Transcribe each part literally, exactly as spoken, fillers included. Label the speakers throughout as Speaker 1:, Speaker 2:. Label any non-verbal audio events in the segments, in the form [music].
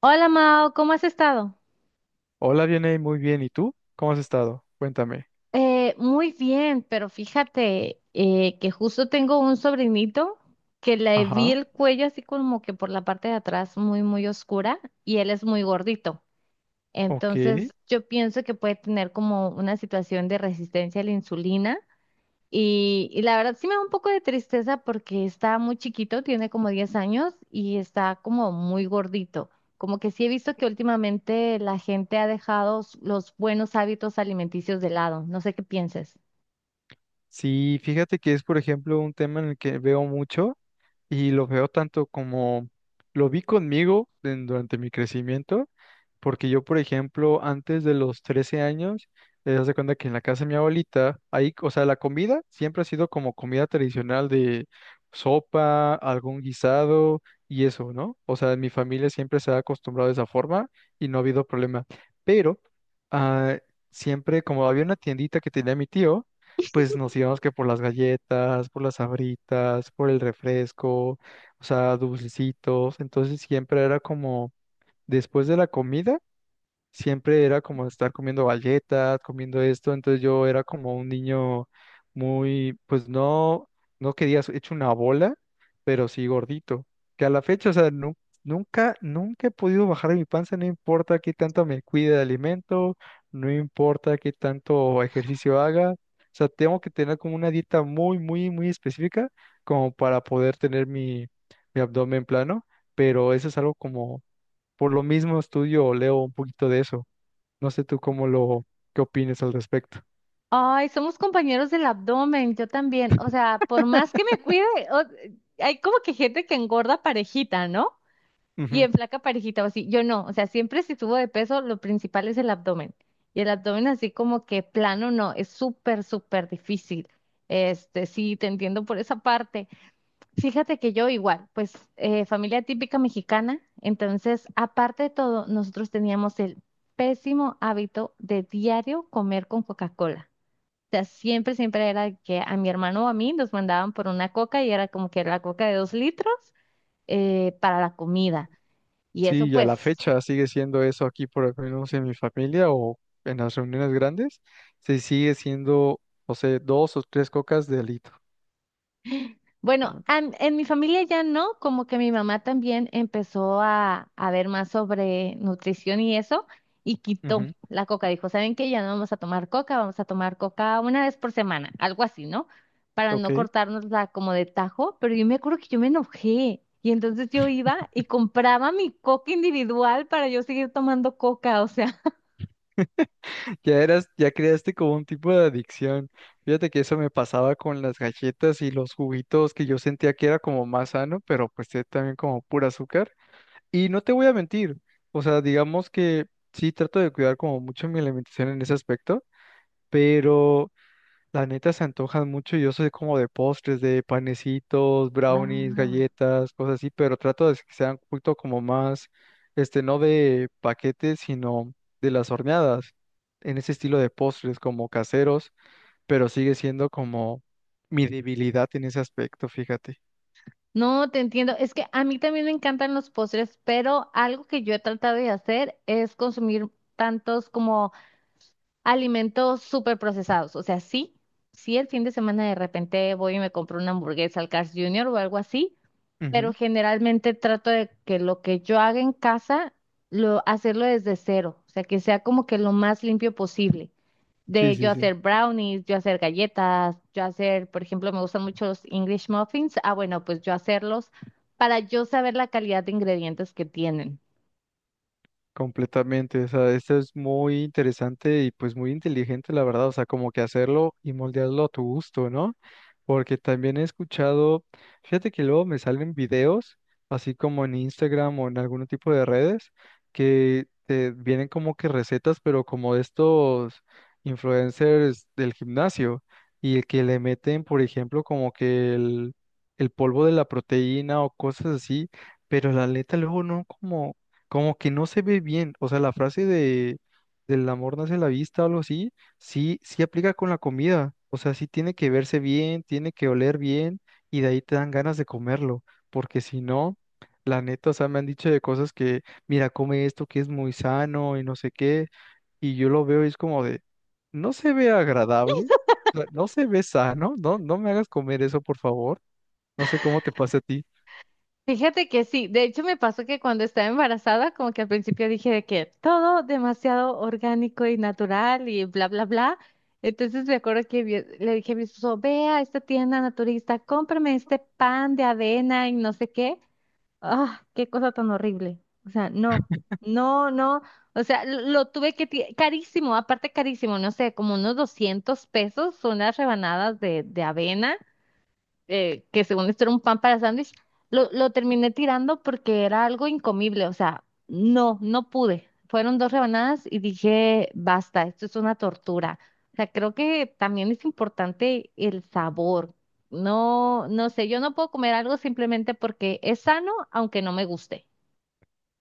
Speaker 1: Hola Mao, ¿cómo has estado?
Speaker 2: Hola, Vianey, muy bien. ¿Y tú? ¿Cómo has estado? Cuéntame.
Speaker 1: Eh, muy bien, pero fíjate eh, que justo tengo un sobrinito que le vi
Speaker 2: Ajá.
Speaker 1: el cuello así como que por la parte de atrás muy, muy oscura y él es muy gordito.
Speaker 2: Ok.
Speaker 1: Entonces yo pienso que puede tener como una situación de resistencia a la insulina. Y, y la verdad sí me da un poco de tristeza porque está muy chiquito, tiene como diez años y está como muy gordito. Como que sí he visto que últimamente la gente ha dejado s- los buenos hábitos alimenticios de lado. No sé qué pienses.
Speaker 2: Sí, fíjate que es, por ejemplo, un tema en el que veo mucho y lo veo tanto como lo vi conmigo en- durante mi crecimiento. Porque yo, por ejemplo, antes de los trece años, eh, haz de cuenta que en la casa de mi abuelita, ahí, o sea, la comida siempre ha sido como comida tradicional de sopa, algún guisado y eso, ¿no? O sea, en mi familia siempre se ha acostumbrado de esa forma y no ha habido problema. Pero ah, siempre, como había una tiendita que tenía mi tío, pues nos íbamos que por las galletas, por las sabritas, por el refresco, o sea, dulcecitos. Entonces siempre era como después de la comida siempre era como estar comiendo galletas, comiendo esto, entonces yo era como un niño muy, pues no, no quería hecho una bola, pero sí gordito, que a la fecha, o sea, nu- nunca, nunca he podido bajar de mi panza, no importa qué tanto me cuide de alimento, no importa qué tanto ejercicio haga, o sea, tengo que tener como una dieta muy, muy, muy específica como para poder tener mi, mi abdomen plano, pero eso es algo como por lo mismo estudio o leo un poquito de eso. No sé tú cómo lo, qué opines al respecto.
Speaker 1: Ay, somos compañeros del abdomen, yo también. O sea, por más que me cuide,
Speaker 2: [laughs]
Speaker 1: o- hay como que gente que engorda parejita, ¿no? Y
Speaker 2: Ujú.
Speaker 1: en flaca parejita o así, yo no, o sea, siempre si subo de peso, lo principal es el abdomen. Y el abdomen así como que plano, no, es súper, súper difícil. Este, sí, te entiendo por esa parte. Fíjate que yo igual, pues eh, familia típica mexicana, entonces, aparte de todo, nosotros teníamos el pésimo hábito de diario comer con Coca-Cola. O sea, siempre, siempre era que a mi hermano o a mí nos mandaban por una coca y era como que la coca de dos litros eh, para la comida. Y eso
Speaker 2: Sí, y a la
Speaker 1: pues,
Speaker 2: fecha sigue siendo eso aquí, por lo menos en mi familia o en las reuniones grandes, se sigue siendo, no sé, dos o tres cocas de alito.
Speaker 1: bueno,
Speaker 2: Ah,
Speaker 1: am- en, mi familia ya no, como que mi mamá también empezó a, a ver más sobre nutrición y eso, y quitó
Speaker 2: ujú.
Speaker 1: la coca. Dijo, ¿saben qué? Ya no vamos a tomar coca, vamos a tomar coca una vez por semana, algo así, ¿no? Para
Speaker 2: Ok,
Speaker 1: no cortárnosla como de tajo, pero yo me acuerdo que yo me enojé. Y entonces yo iba
Speaker 2: [laughs]
Speaker 1: y compraba mi coca individual para yo seguir tomando coca, o sea.
Speaker 2: ya eras, ya creaste como un tipo de adicción. Fíjate que eso me pasaba con las galletas y los juguitos que yo sentía que era como más sano, pero pues eh, también como pura azúcar. Y no te voy a mentir, o sea, digamos que sí trato de cuidar como mucho mi alimentación en ese aspecto, pero la neta se antojan mucho y yo soy como de postres, de panecitos, brownies,
Speaker 1: Ah.
Speaker 2: galletas, cosas así, pero trato de que sean un poquito como más, este, no de paquetes, sino de las horneadas, en ese estilo de postres como caseros, pero sigue siendo como mi debilidad en ese aspecto, fíjate.
Speaker 1: No, te entiendo. Es que a mí también me encantan los postres, pero algo que yo he tratado de hacer es consumir tantos como alimentos súper procesados. O sea, sí, sí el fin de semana de repente voy y me compro una hamburguesa al Carl's junior o algo así, pero
Speaker 2: Ujú.
Speaker 1: generalmente trato de que lo que yo haga en casa, lo, hacerlo desde cero. O sea, que sea como que lo más limpio posible
Speaker 2: Sí,
Speaker 1: de yo
Speaker 2: sí, sí.
Speaker 1: hacer brownies, yo hacer galletas, yo hacer, por ejemplo, me gustan mucho los English muffins. Ah, bueno, pues yo hacerlos para yo saber la calidad de ingredientes que tienen.
Speaker 2: Completamente, o sea, esto es muy interesante y pues muy inteligente, la verdad, o sea, como que hacerlo y moldearlo a tu gusto, ¿no? Porque también he escuchado, fíjate que luego me salen videos, así como en Instagram o en algún tipo de redes, que te vienen como que recetas, pero como de estos influencers del gimnasio, y que le meten, por ejemplo, como que el, el polvo de la proteína o cosas así, pero la neta luego no, como, como que no se ve bien. O sea, la frase de del amor nace a la vista o algo así. Sí, sí aplica con la comida. O sea, sí tiene que verse bien, tiene que oler bien y de ahí te dan ganas de comerlo. Porque si no, la neta, o sea, me han dicho de cosas que, mira, come esto que es muy sano y no sé qué. Y yo lo veo y es como de, no se ve agradable, o sea, no se ve sano, no, no me hagas comer eso, por favor. No sé cómo te pasa a ti.
Speaker 1: Fíjate que sí, de hecho me pasó que cuando estaba embarazada, como que al principio dije de que todo demasiado orgánico y natural y bla, bla, bla. Entonces me acuerdo que vi- le dije a mi esposo, ve a esta tienda naturista, cómprame este pan de avena y no sé qué. Ah, qué cosa tan horrible. O sea, no, no, no. O sea, lo, lo tuve que... ti- Carísimo, aparte carísimo, no sé, como unos doscientos pesos son las rebanadas de, de avena eh, que según esto era un pan para sándwich, lo, lo terminé tirando porque era algo incomible, o sea, no, no pude. Fueron dos rebanadas y dije, basta, esto es una tortura. O sea, creo que también es importante el sabor. No, no sé, yo no puedo comer algo simplemente porque es sano, aunque no me guste.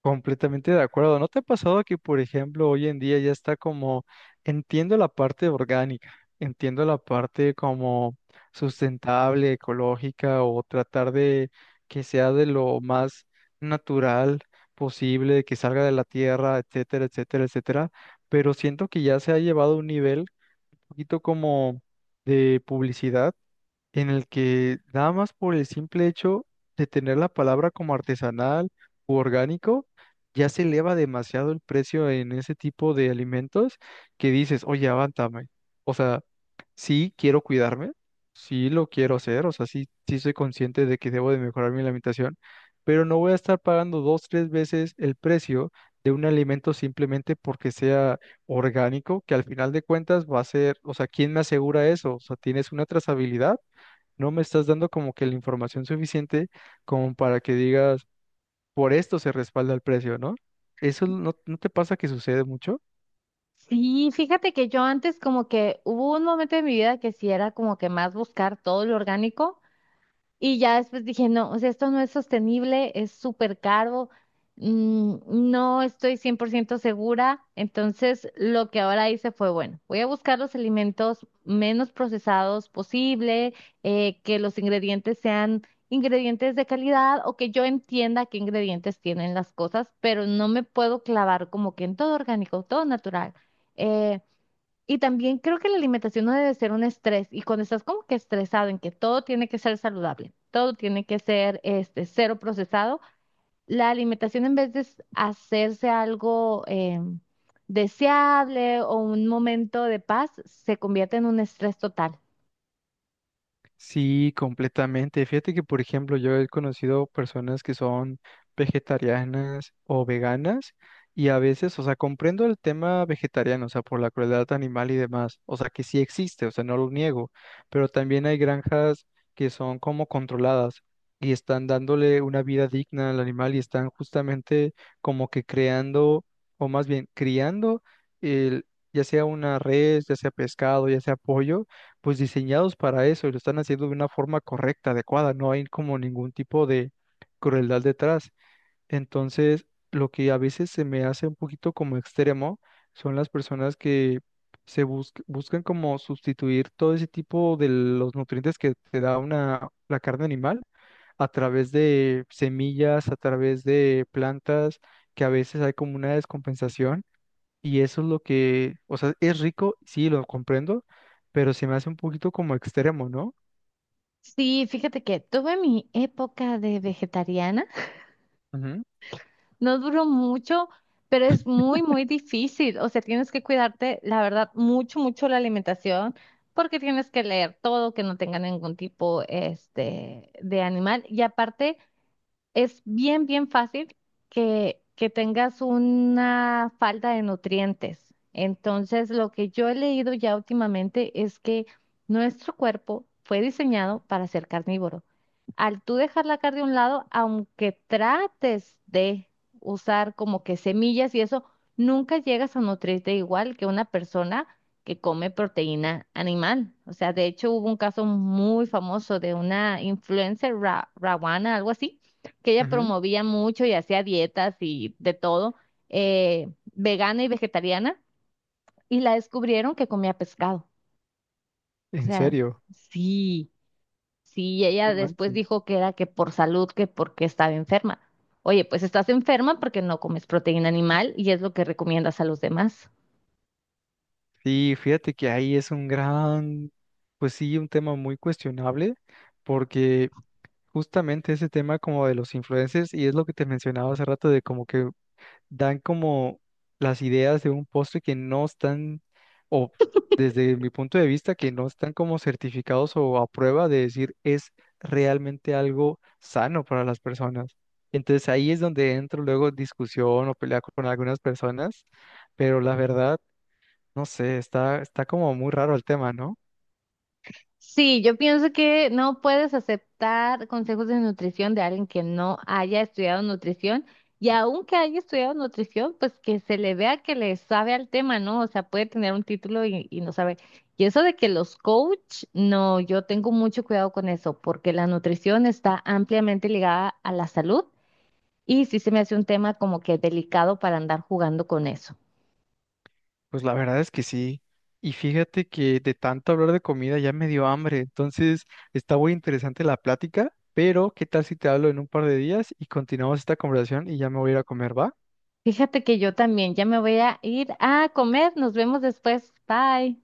Speaker 2: Completamente de acuerdo. ¿No te ha pasado que, por ejemplo, hoy en día ya está como, entiendo la parte orgánica, entiendo la parte como sustentable, ecológica o tratar de que sea de lo más natural posible, que salga de la tierra, etcétera, etcétera, etcétera? Pero siento que ya se ha llevado a un nivel un poquito como de publicidad en el que nada más por el simple hecho de tener la palabra como artesanal u orgánico, ya se eleva demasiado el precio en ese tipo de alimentos que dices, oye, avántame. O sea, sí quiero cuidarme, sí lo quiero hacer, o sea, sí, sí soy consciente de que debo de mejorar mi alimentación, pero no voy a estar pagando dos, tres veces el precio de un alimento simplemente porque sea orgánico, que al final de cuentas va a ser, o sea, ¿quién me asegura eso? O sea, ¿tienes una trazabilidad? No me estás dando como que la información suficiente como para que digas, por esto se respalda el precio, ¿no? ¿Eso no, no te pasa que sucede mucho?
Speaker 1: Sí, fíjate que yo antes como que hubo un momento de mi vida que sí era como que más buscar todo lo orgánico. Y ya después dije, no, o sea, esto no es sostenible, es súper caro, mm, no estoy cien por ciento segura. Entonces, lo que ahora hice fue, bueno, voy a buscar los alimentos menos procesados posible, eh, que los ingredientes sean ingredientes de calidad o que yo entienda qué ingredientes tienen las cosas, pero no me puedo clavar como que en todo orgánico, todo natural. Eh, y también creo que la alimentación no debe ser un estrés. Y cuando estás como que estresado en que todo tiene que ser saludable, todo tiene que ser este cero procesado, la alimentación en vez de s- hacerse algo em, deseable o un momento de paz, se convierte en un estrés total.
Speaker 2: Sí, completamente. Fíjate que, por ejemplo, yo he conocido personas que son vegetarianas o veganas y a veces, o sea, comprendo el tema vegetariano, o sea, por la crueldad animal y demás, o sea, que sí existe, o sea, no lo niego, pero también hay granjas que son como controladas y están dándole una vida digna al animal y están justamente como que creando, o más bien criando, el, ya sea una res, ya sea pescado, ya sea pollo, pues diseñados para eso y lo están haciendo de una forma correcta, adecuada, no hay como ningún tipo de crueldad detrás. Entonces, lo que a veces se me hace un poquito como extremo son las personas que se bus- buscan como sustituir todo ese tipo de los nutrientes que te da una, la carne animal a través de semillas, a través de plantas, que a veces hay como una descompensación y eso es lo que, o sea, es rico, sí, lo comprendo, pero se me hace un poquito como extremo, ¿no?
Speaker 1: Sí, fíjate que tuve mi época de vegetariana.
Speaker 2: Ujú,
Speaker 1: No duró mucho, pero es muy, muy difícil. O sea, tienes que cuidarte, la verdad, mucho, mucho la alimentación, porque tienes que leer todo, que no tenga ningún tipo, este, de animal. Y aparte, es bien, bien fácil que, que tengas una falta de nutrientes. Entonces, lo que yo he leído ya últimamente es que nuestro cuerpo fue diseñado para ser carnívoro. Al tú dejar la carne a un lado, aunque trates de usar como que semillas y eso, nunca llegas a nutrirte igual que una persona que come proteína animal. O sea, de hecho hubo un caso muy famoso de una influencer, Ra- Rawana, algo así, que ella
Speaker 2: ujú.
Speaker 1: promovía mucho y hacía dietas y de todo, eh, vegana y vegetariana, y la descubrieron que comía pescado. O
Speaker 2: ¿En
Speaker 1: sea,
Speaker 2: serio?
Speaker 1: sí, sí, y ella
Speaker 2: No
Speaker 1: después
Speaker 2: manches.
Speaker 1: dijo que era que por salud, que porque estaba enferma. Oye, pues estás enferma porque no comes proteína animal y es lo que recomiendas a los demás.
Speaker 2: Sí, fíjate que ahí es un gran, pues sí, un tema muy cuestionable, porque justamente ese tema como de los influencers, y es lo que te mencionaba hace rato, de como que dan como las ideas de un postre que no están, o desde mi punto de vista, que no están como certificados o a prueba de decir es realmente algo sano para las personas. Entonces ahí es donde entro luego en discusión o pelea con algunas personas, pero la verdad, no sé, está, está como muy raro el tema, ¿no?
Speaker 1: Sí, yo pienso que no puedes aceptar consejos de nutrición de alguien que no haya estudiado nutrición y aunque haya estudiado nutrición, pues que se le vea que le sabe al tema, ¿no? O sea, puede tener un título y, y no sabe. Y eso de que los coach, no, yo tengo mucho cuidado con eso porque la nutrición está ampliamente ligada a la salud y sí se me hace un tema como que delicado para andar jugando con eso.
Speaker 2: Pues la verdad es que sí. Y fíjate que de tanto hablar de comida ya me dio hambre. Entonces está muy interesante la plática, pero ¿qué tal si te hablo en un par de días y continuamos esta conversación y ya me voy a ir a comer, ¿va?
Speaker 1: Fíjate que yo también ya me voy a ir a comer. Nos vemos después. Bye.